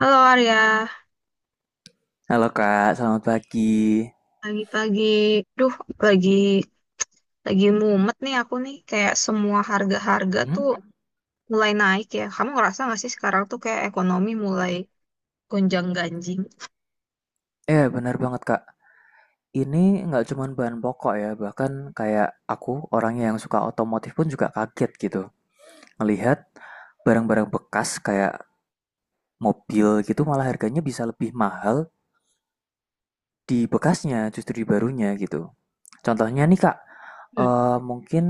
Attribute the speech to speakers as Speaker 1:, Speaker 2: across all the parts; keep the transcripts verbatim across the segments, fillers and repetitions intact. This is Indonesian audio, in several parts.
Speaker 1: Halo Arya,
Speaker 2: Halo Kak, selamat pagi.
Speaker 1: pagi-pagi, duh lagi lagi mumet nih aku nih kayak semua harga-harga
Speaker 2: Hmm?
Speaker 1: tuh mulai naik ya. Kamu ngerasa gak sih sekarang tuh kayak ekonomi mulai gonjang-ganjing?
Speaker 2: Eh, benar banget Kak. Ini nggak cuman bahan pokok ya, bahkan kayak aku orangnya yang suka otomotif pun juga kaget gitu. Melihat barang-barang bekas kayak mobil gitu malah harganya bisa lebih mahal di bekasnya justru di barunya gitu. Contohnya nih Kak,
Speaker 1: Hmm,
Speaker 2: eh, mungkin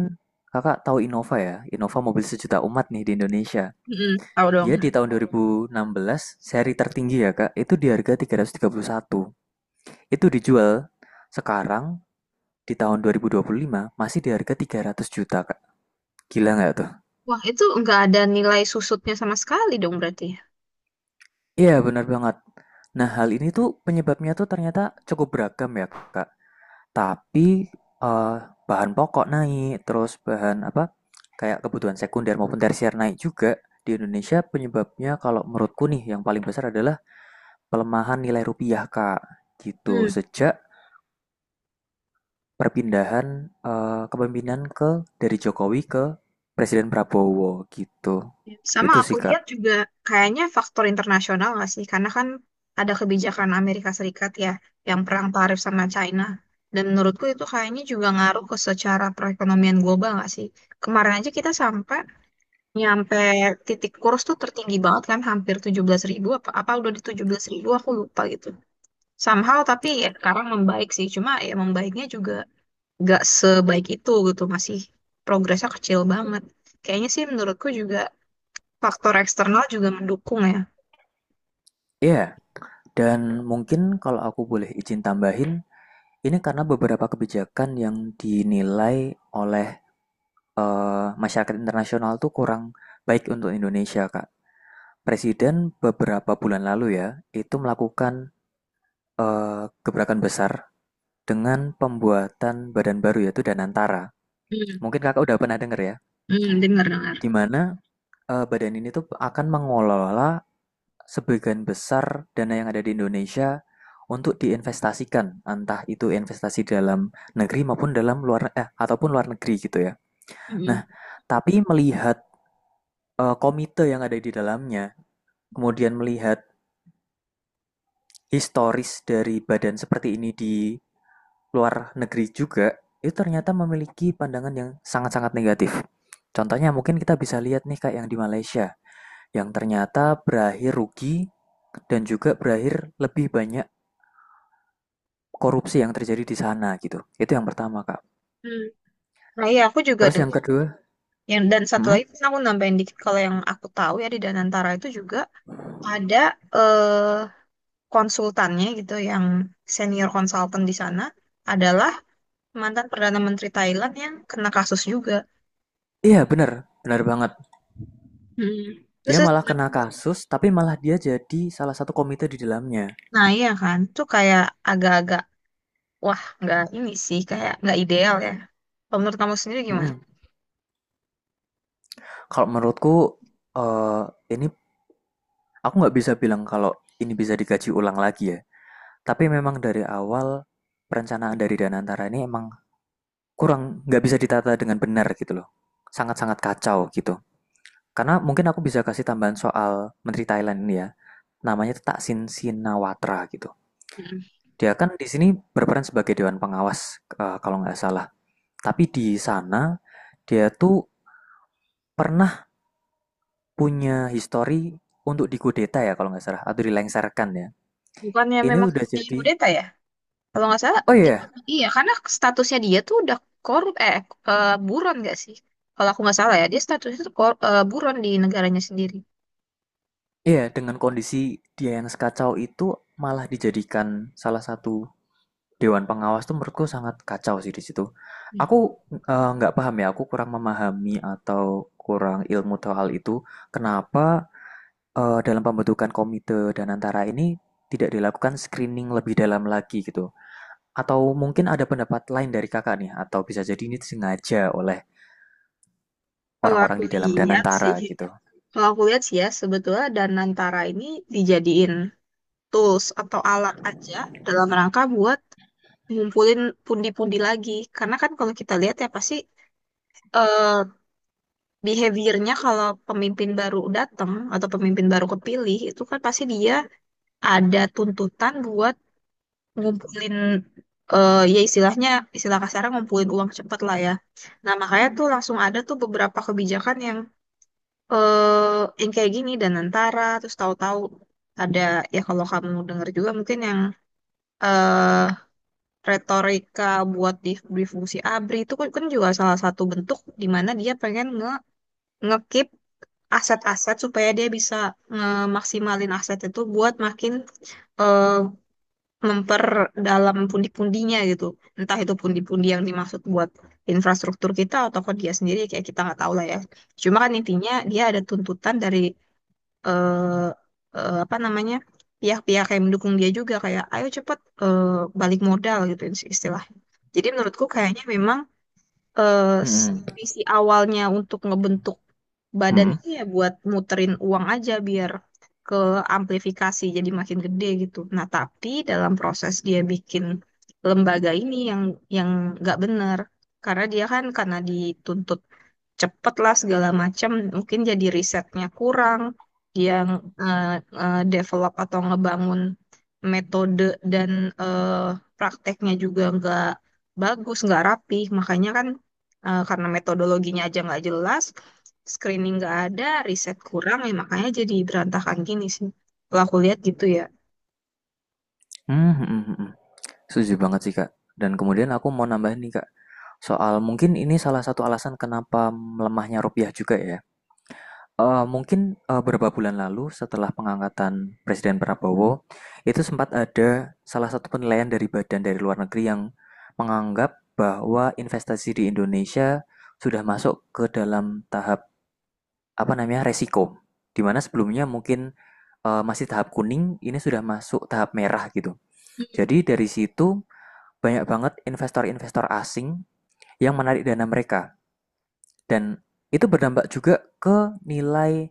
Speaker 2: Kakak tahu Innova ya, Innova mobil sejuta umat nih di Indonesia.
Speaker 1: mm-mm, tahu dong.
Speaker 2: Dia di tahun dua ribu enam belas seri tertinggi ya Kak, itu di harga tiga tiga ratus tiga puluh satu. Itu dijual sekarang di tahun dua ribu dua puluh lima masih di harga tiga ratus juta, Kak. Gila nggak tuh?
Speaker 1: Wah itu nggak ada nilai susutnya sama sekali dong berarti.
Speaker 2: Iya, benar banget. Nah, hal ini tuh penyebabnya tuh ternyata cukup beragam ya, Kak. Tapi eh, bahan pokok naik, terus bahan apa? Kayak kebutuhan sekunder maupun tersier naik juga. Di Indonesia penyebabnya kalau menurutku nih yang paling besar adalah pelemahan nilai rupiah, Kak. Gitu. Sejak perpindahan, eee, kepemimpinan ke dari Jokowi ke Presiden Prabowo gitu.
Speaker 1: Sama
Speaker 2: Itu
Speaker 1: aku
Speaker 2: sih, Kak.
Speaker 1: lihat juga kayaknya faktor internasional nggak sih? Karena kan ada kebijakan Amerika Serikat ya yang perang tarif sama China. Dan menurutku itu kayaknya juga ngaruh ke secara perekonomian global nggak sih? Kemarin aja kita sampai nyampe titik kurs tuh tertinggi banget kan hampir tujuh belas ribu apa apa udah di tujuh belas ribu aku lupa gitu. Somehow tapi ya sekarang membaik sih cuma ya membaiknya juga nggak sebaik itu gitu masih progresnya kecil banget. Kayaknya sih menurutku juga faktor eksternal juga mendukung ya.
Speaker 2: Iya, yeah. Dan mungkin kalau aku boleh izin tambahin, ini karena beberapa kebijakan yang dinilai oleh, eee, masyarakat internasional tuh kurang baik untuk Indonesia, Kak. Presiden beberapa bulan lalu ya, itu melakukan, eee, gebrakan besar dengan pembuatan badan baru yaitu Danantara.
Speaker 1: Hmm,
Speaker 2: Mungkin Kakak udah pernah dengar ya?
Speaker 1: hmm, dengar dengar.
Speaker 2: Di mana Eee, badan ini tuh akan mengelola sebagian besar dana yang ada di Indonesia untuk diinvestasikan, entah itu investasi dalam negeri maupun dalam luar eh, ataupun luar negeri gitu ya.
Speaker 1: Hmm,
Speaker 2: Nah, tapi melihat, eee, komite yang ada di dalamnya, kemudian melihat historis dari badan seperti ini di luar negeri juga, itu ternyata memiliki pandangan yang sangat-sangat negatif. Contohnya mungkin kita bisa lihat nih kayak yang di Malaysia, yang ternyata berakhir rugi dan juga berakhir lebih banyak korupsi yang terjadi di sana gitu. Itu yang pertama, Kak.
Speaker 1: hmm. Nah iya aku juga
Speaker 2: Terus yang,
Speaker 1: dengar.
Speaker 2: Iya, kedua,
Speaker 1: Yang, dan satu
Speaker 2: hmm?
Speaker 1: lagi kan aku nambahin dikit kalau yang aku tahu ya di Danantara itu juga ada eh, konsultannya gitu yang senior konsultan di sana adalah mantan Perdana Menteri Thailand yang kena kasus juga.
Speaker 2: Iya bener, bener banget.
Speaker 1: Hmm. Terus,
Speaker 2: Dia malah kena
Speaker 1: terus-
Speaker 2: kasus, tapi malah dia jadi salah satu komite di dalamnya.
Speaker 1: Nah iya kan, tuh kayak agak-agak, wah nggak ini sih, kayak nggak ideal ya. Kalau menurut kamu sendiri gimana?
Speaker 2: Mm-mm. Kalau menurutku, eh ini aku nggak bisa bilang kalau ini bisa dikaji ulang lagi ya. Tapi memang dari awal perencanaan dari Danantara ini emang kurang nggak bisa ditata dengan benar gitu loh. Sangat-sangat kacau gitu. Karena mungkin aku bisa kasih tambahan soal Menteri Thailand ini ya. Namanya tuh Thaksin Shinawatra gitu.
Speaker 1: Hmm.
Speaker 2: Dia kan di sini berperan sebagai dewan pengawas, eh, kalau nggak salah. Tapi di sana dia tuh pernah punya histori untuk dikudeta ya kalau nggak salah atau dilengsarkan ya.
Speaker 1: Bukannya
Speaker 2: Ini
Speaker 1: memang
Speaker 2: udah
Speaker 1: di
Speaker 2: jadi.
Speaker 1: kudeta ya? Kalau nggak salah,
Speaker 2: Oh iya,
Speaker 1: dia, kan,
Speaker 2: yeah,
Speaker 1: iya, karena statusnya dia tuh udah korup, eh, eh, buron nggak sih? Kalau aku nggak salah ya, dia statusnya tuh kor- eh, buron di negaranya sendiri.
Speaker 2: iya, yeah, dengan kondisi dia yang sekacau itu malah dijadikan salah satu Dewan Pengawas tuh menurutku sangat kacau sih di situ.
Speaker 1: Hmm.
Speaker 2: Aku eh, nggak uh, paham ya, aku kurang memahami atau kurang ilmu tahu hal itu. Kenapa eh, dalam pembentukan komite dan antara ini tidak dilakukan screening lebih dalam lagi gitu? Atau mungkin ada pendapat lain dari kakak nih? Atau bisa jadi ini disengaja oleh
Speaker 1: Kalau
Speaker 2: orang-orang
Speaker 1: aku
Speaker 2: di dalam dan
Speaker 1: lihat sih,
Speaker 2: antara gitu?
Speaker 1: kalau aku lihat sih ya, sebetulnya Danantara ini dijadiin tools atau alat aja dalam rangka buat ngumpulin pundi-pundi lagi. Karena kan kalau kita lihat ya pasti eh behaviornya kalau pemimpin baru datang atau pemimpin baru kepilih itu kan pasti dia ada tuntutan buat ngumpulin eh ya istilahnya istilah kasarnya ngumpulin uang cepet lah ya. Nah makanya tuh langsung ada tuh beberapa kebijakan yang eh yang kayak gini dan antara terus tahu-tahu ada ya kalau kamu dengar juga mungkin yang eh retorika buat di, di fungsi ABRI itu kan, kan juga salah satu bentuk di mana dia pengen nge ngekip aset-aset supaya dia bisa ngemaksimalin aset itu buat makin eh, memperdalam pundi-pundinya gitu. Entah itu pundi-pundi yang dimaksud buat infrastruktur kita atau ke dia sendiri kayak kita nggak tahu lah ya. Cuma kan intinya dia ada tuntutan dari eh, eh, apa namanya pihak-pihak yang mendukung dia juga kayak ayo cepet eh, balik modal gitu istilahnya. Jadi menurutku kayaknya memang eh,
Speaker 2: Hmm,
Speaker 1: visi awalnya untuk ngebentuk
Speaker 2: hmm,
Speaker 1: badannya ya buat muterin uang aja biar ke amplifikasi jadi makin gede gitu. Nah, tapi dalam proses dia bikin lembaga ini yang yang nggak benar karena dia kan karena dituntut cepet lah segala macam mungkin jadi risetnya kurang dia eh, eh, develop atau ngebangun metode dan eh, prakteknya juga nggak bagus nggak rapi makanya kan eh, karena metodologinya aja nggak jelas screening nggak ada riset kurang ya makanya jadi berantakan gini sih kalau aku lihat gitu ya.
Speaker 2: hmm, hmm, hmm, hmm, hmm. Setuju banget sih Kak. Dan kemudian aku mau nambahin nih Kak. Soal mungkin ini salah satu alasan kenapa melemahnya rupiah juga ya. Eee, mungkin, eee, beberapa bulan lalu setelah pengangkatan Presiden Prabowo, itu sempat ada salah satu penilaian dari badan dari luar negeri yang menganggap bahwa investasi di Indonesia sudah masuk ke dalam tahap, apa namanya, resiko. Di mana sebelumnya mungkin, eee, masih tahap kuning, ini sudah masuk tahap merah gitu.
Speaker 1: Mm-mm.
Speaker 2: Jadi dari situ banyak banget investor-investor asing yang menarik dana mereka dan itu berdampak juga ke nilai,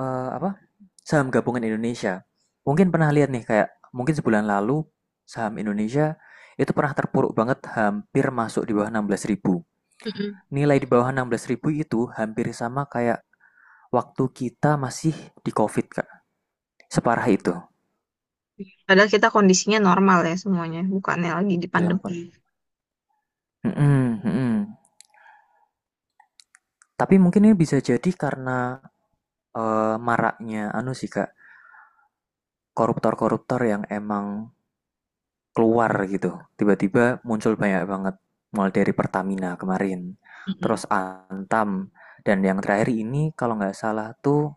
Speaker 2: eee, apa, saham gabungan Indonesia. Mungkin pernah lihat nih kayak mungkin sebulan lalu saham Indonesia itu pernah terpuruk banget hampir masuk di bawah enam belas ribu.
Speaker 1: Mm-mm.
Speaker 2: Nilai di bawah enam belas ribu itu hampir sama kayak waktu kita masih di COVID, Kak, separah itu
Speaker 1: Padahal kita kondisinya normal ya semuanya bukannya lagi di
Speaker 2: dalam
Speaker 1: pandemi.
Speaker 2: kon, mhm, mhm. Tapi mungkin ini bisa jadi karena, eee, maraknya anu sih, Kak, koruptor-koruptor yang emang keluar gitu. Tiba-tiba muncul banyak banget, mulai dari Pertamina kemarin,
Speaker 1: Mm-mm.
Speaker 2: terus Antam, dan yang terakhir ini kalau nggak salah tuh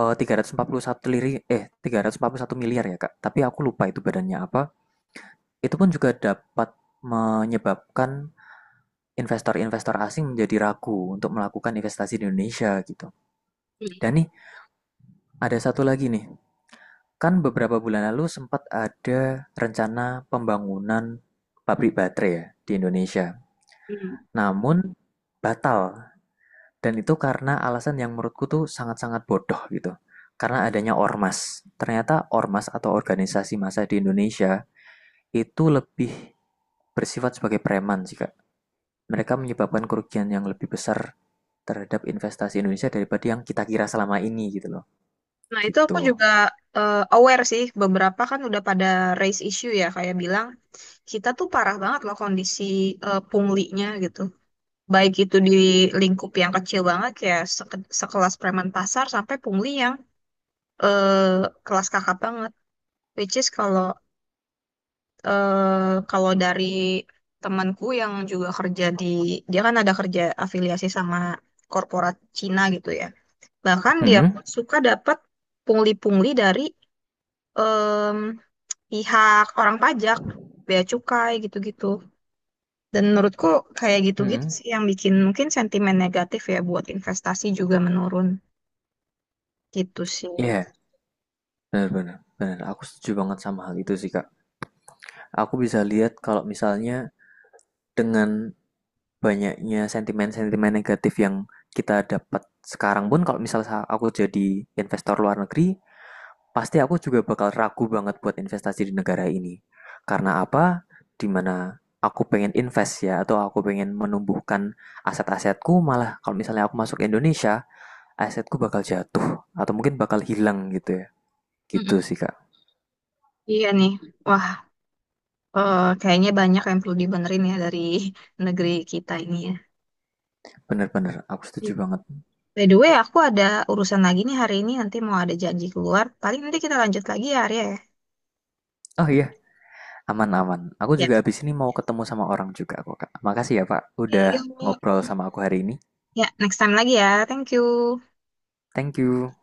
Speaker 2: eh, tiga ratus empat puluh satu liri, eh tiga ratus empat puluh satu miliar ya Kak, tapi aku lupa itu badannya apa. Itu pun juga dapat menyebabkan investor-investor asing menjadi ragu untuk melakukan investasi di Indonesia gitu. Dan nih ada satu lagi nih, kan beberapa bulan lalu sempat ada rencana pembangunan pabrik baterai ya di Indonesia.
Speaker 1: Mm-mm.
Speaker 2: Namun batal, dan itu karena alasan yang menurutku tuh sangat-sangat bodoh gitu. Karena adanya ormas. Ternyata ormas atau organisasi massa di Indonesia itu lebih bersifat sebagai preman sih Kak. Mereka menyebabkan kerugian yang lebih besar terhadap investasi Indonesia daripada yang kita kira selama ini gitu loh.
Speaker 1: Nah, itu aku
Speaker 2: Gitu.
Speaker 1: juga eh, aware sih, beberapa kan udah pada raise issue ya, kayak bilang, kita tuh parah banget loh kondisi eh, punglinya gitu. Baik itu di lingkup yang kecil banget, kayak seke- sekelas preman pasar, sampai pungli yang eh, kelas kakap banget. Which is kalau eh, kalau dari temanku yang juga kerja di, dia kan ada kerja afiliasi sama korporat Cina gitu ya. Bahkan dia
Speaker 2: Hmm?
Speaker 1: pun suka dapat pungli-pungli dari pihak orang pajak, bea cukai gitu-gitu. Dan menurutku kayak gitu-gitu
Speaker 2: Hmm?
Speaker 1: sih yang bikin mungkin sentimen negatif ya buat investasi juga menurun gitu sih.
Speaker 2: Iya, benar-benar. Benar, aku setuju banget sama hal itu sih Kak. Aku bisa lihat kalau misalnya dengan banyaknya sentimen-sentimen negatif yang kita dapat sekarang pun kalau misalnya aku jadi investor luar negeri, pasti aku juga bakal ragu banget buat investasi di negara ini. Karena apa? Dimana aku pengen invest ya, atau aku pengen menumbuhkan aset-asetku, malah kalau misalnya aku masuk Indonesia, asetku bakal jatuh, atau mungkin bakal hilang gitu ya. Gitu
Speaker 1: Mm-mm.
Speaker 2: sih, Kak.
Speaker 1: Iya nih, wah eh, kayaknya banyak yang perlu dibenerin ya dari negeri kita ini ya.
Speaker 2: Bener-bener, aku
Speaker 1: Iya.
Speaker 2: setuju banget.
Speaker 1: By the way, aku ada urusan lagi nih hari ini, nanti mau ada janji keluar. Paling nanti kita lanjut lagi ya, Arya ya.
Speaker 2: Oh iya, aman, aman. Aku
Speaker 1: Ya,
Speaker 2: juga habis ini mau ketemu sama orang juga kok, Kak. Makasih ya, Pak,
Speaker 1: oke,
Speaker 2: udah
Speaker 1: yuk.
Speaker 2: ngobrol sama aku hari ini.
Speaker 1: Ya, next time lagi ya. Thank you.
Speaker 2: Thank you.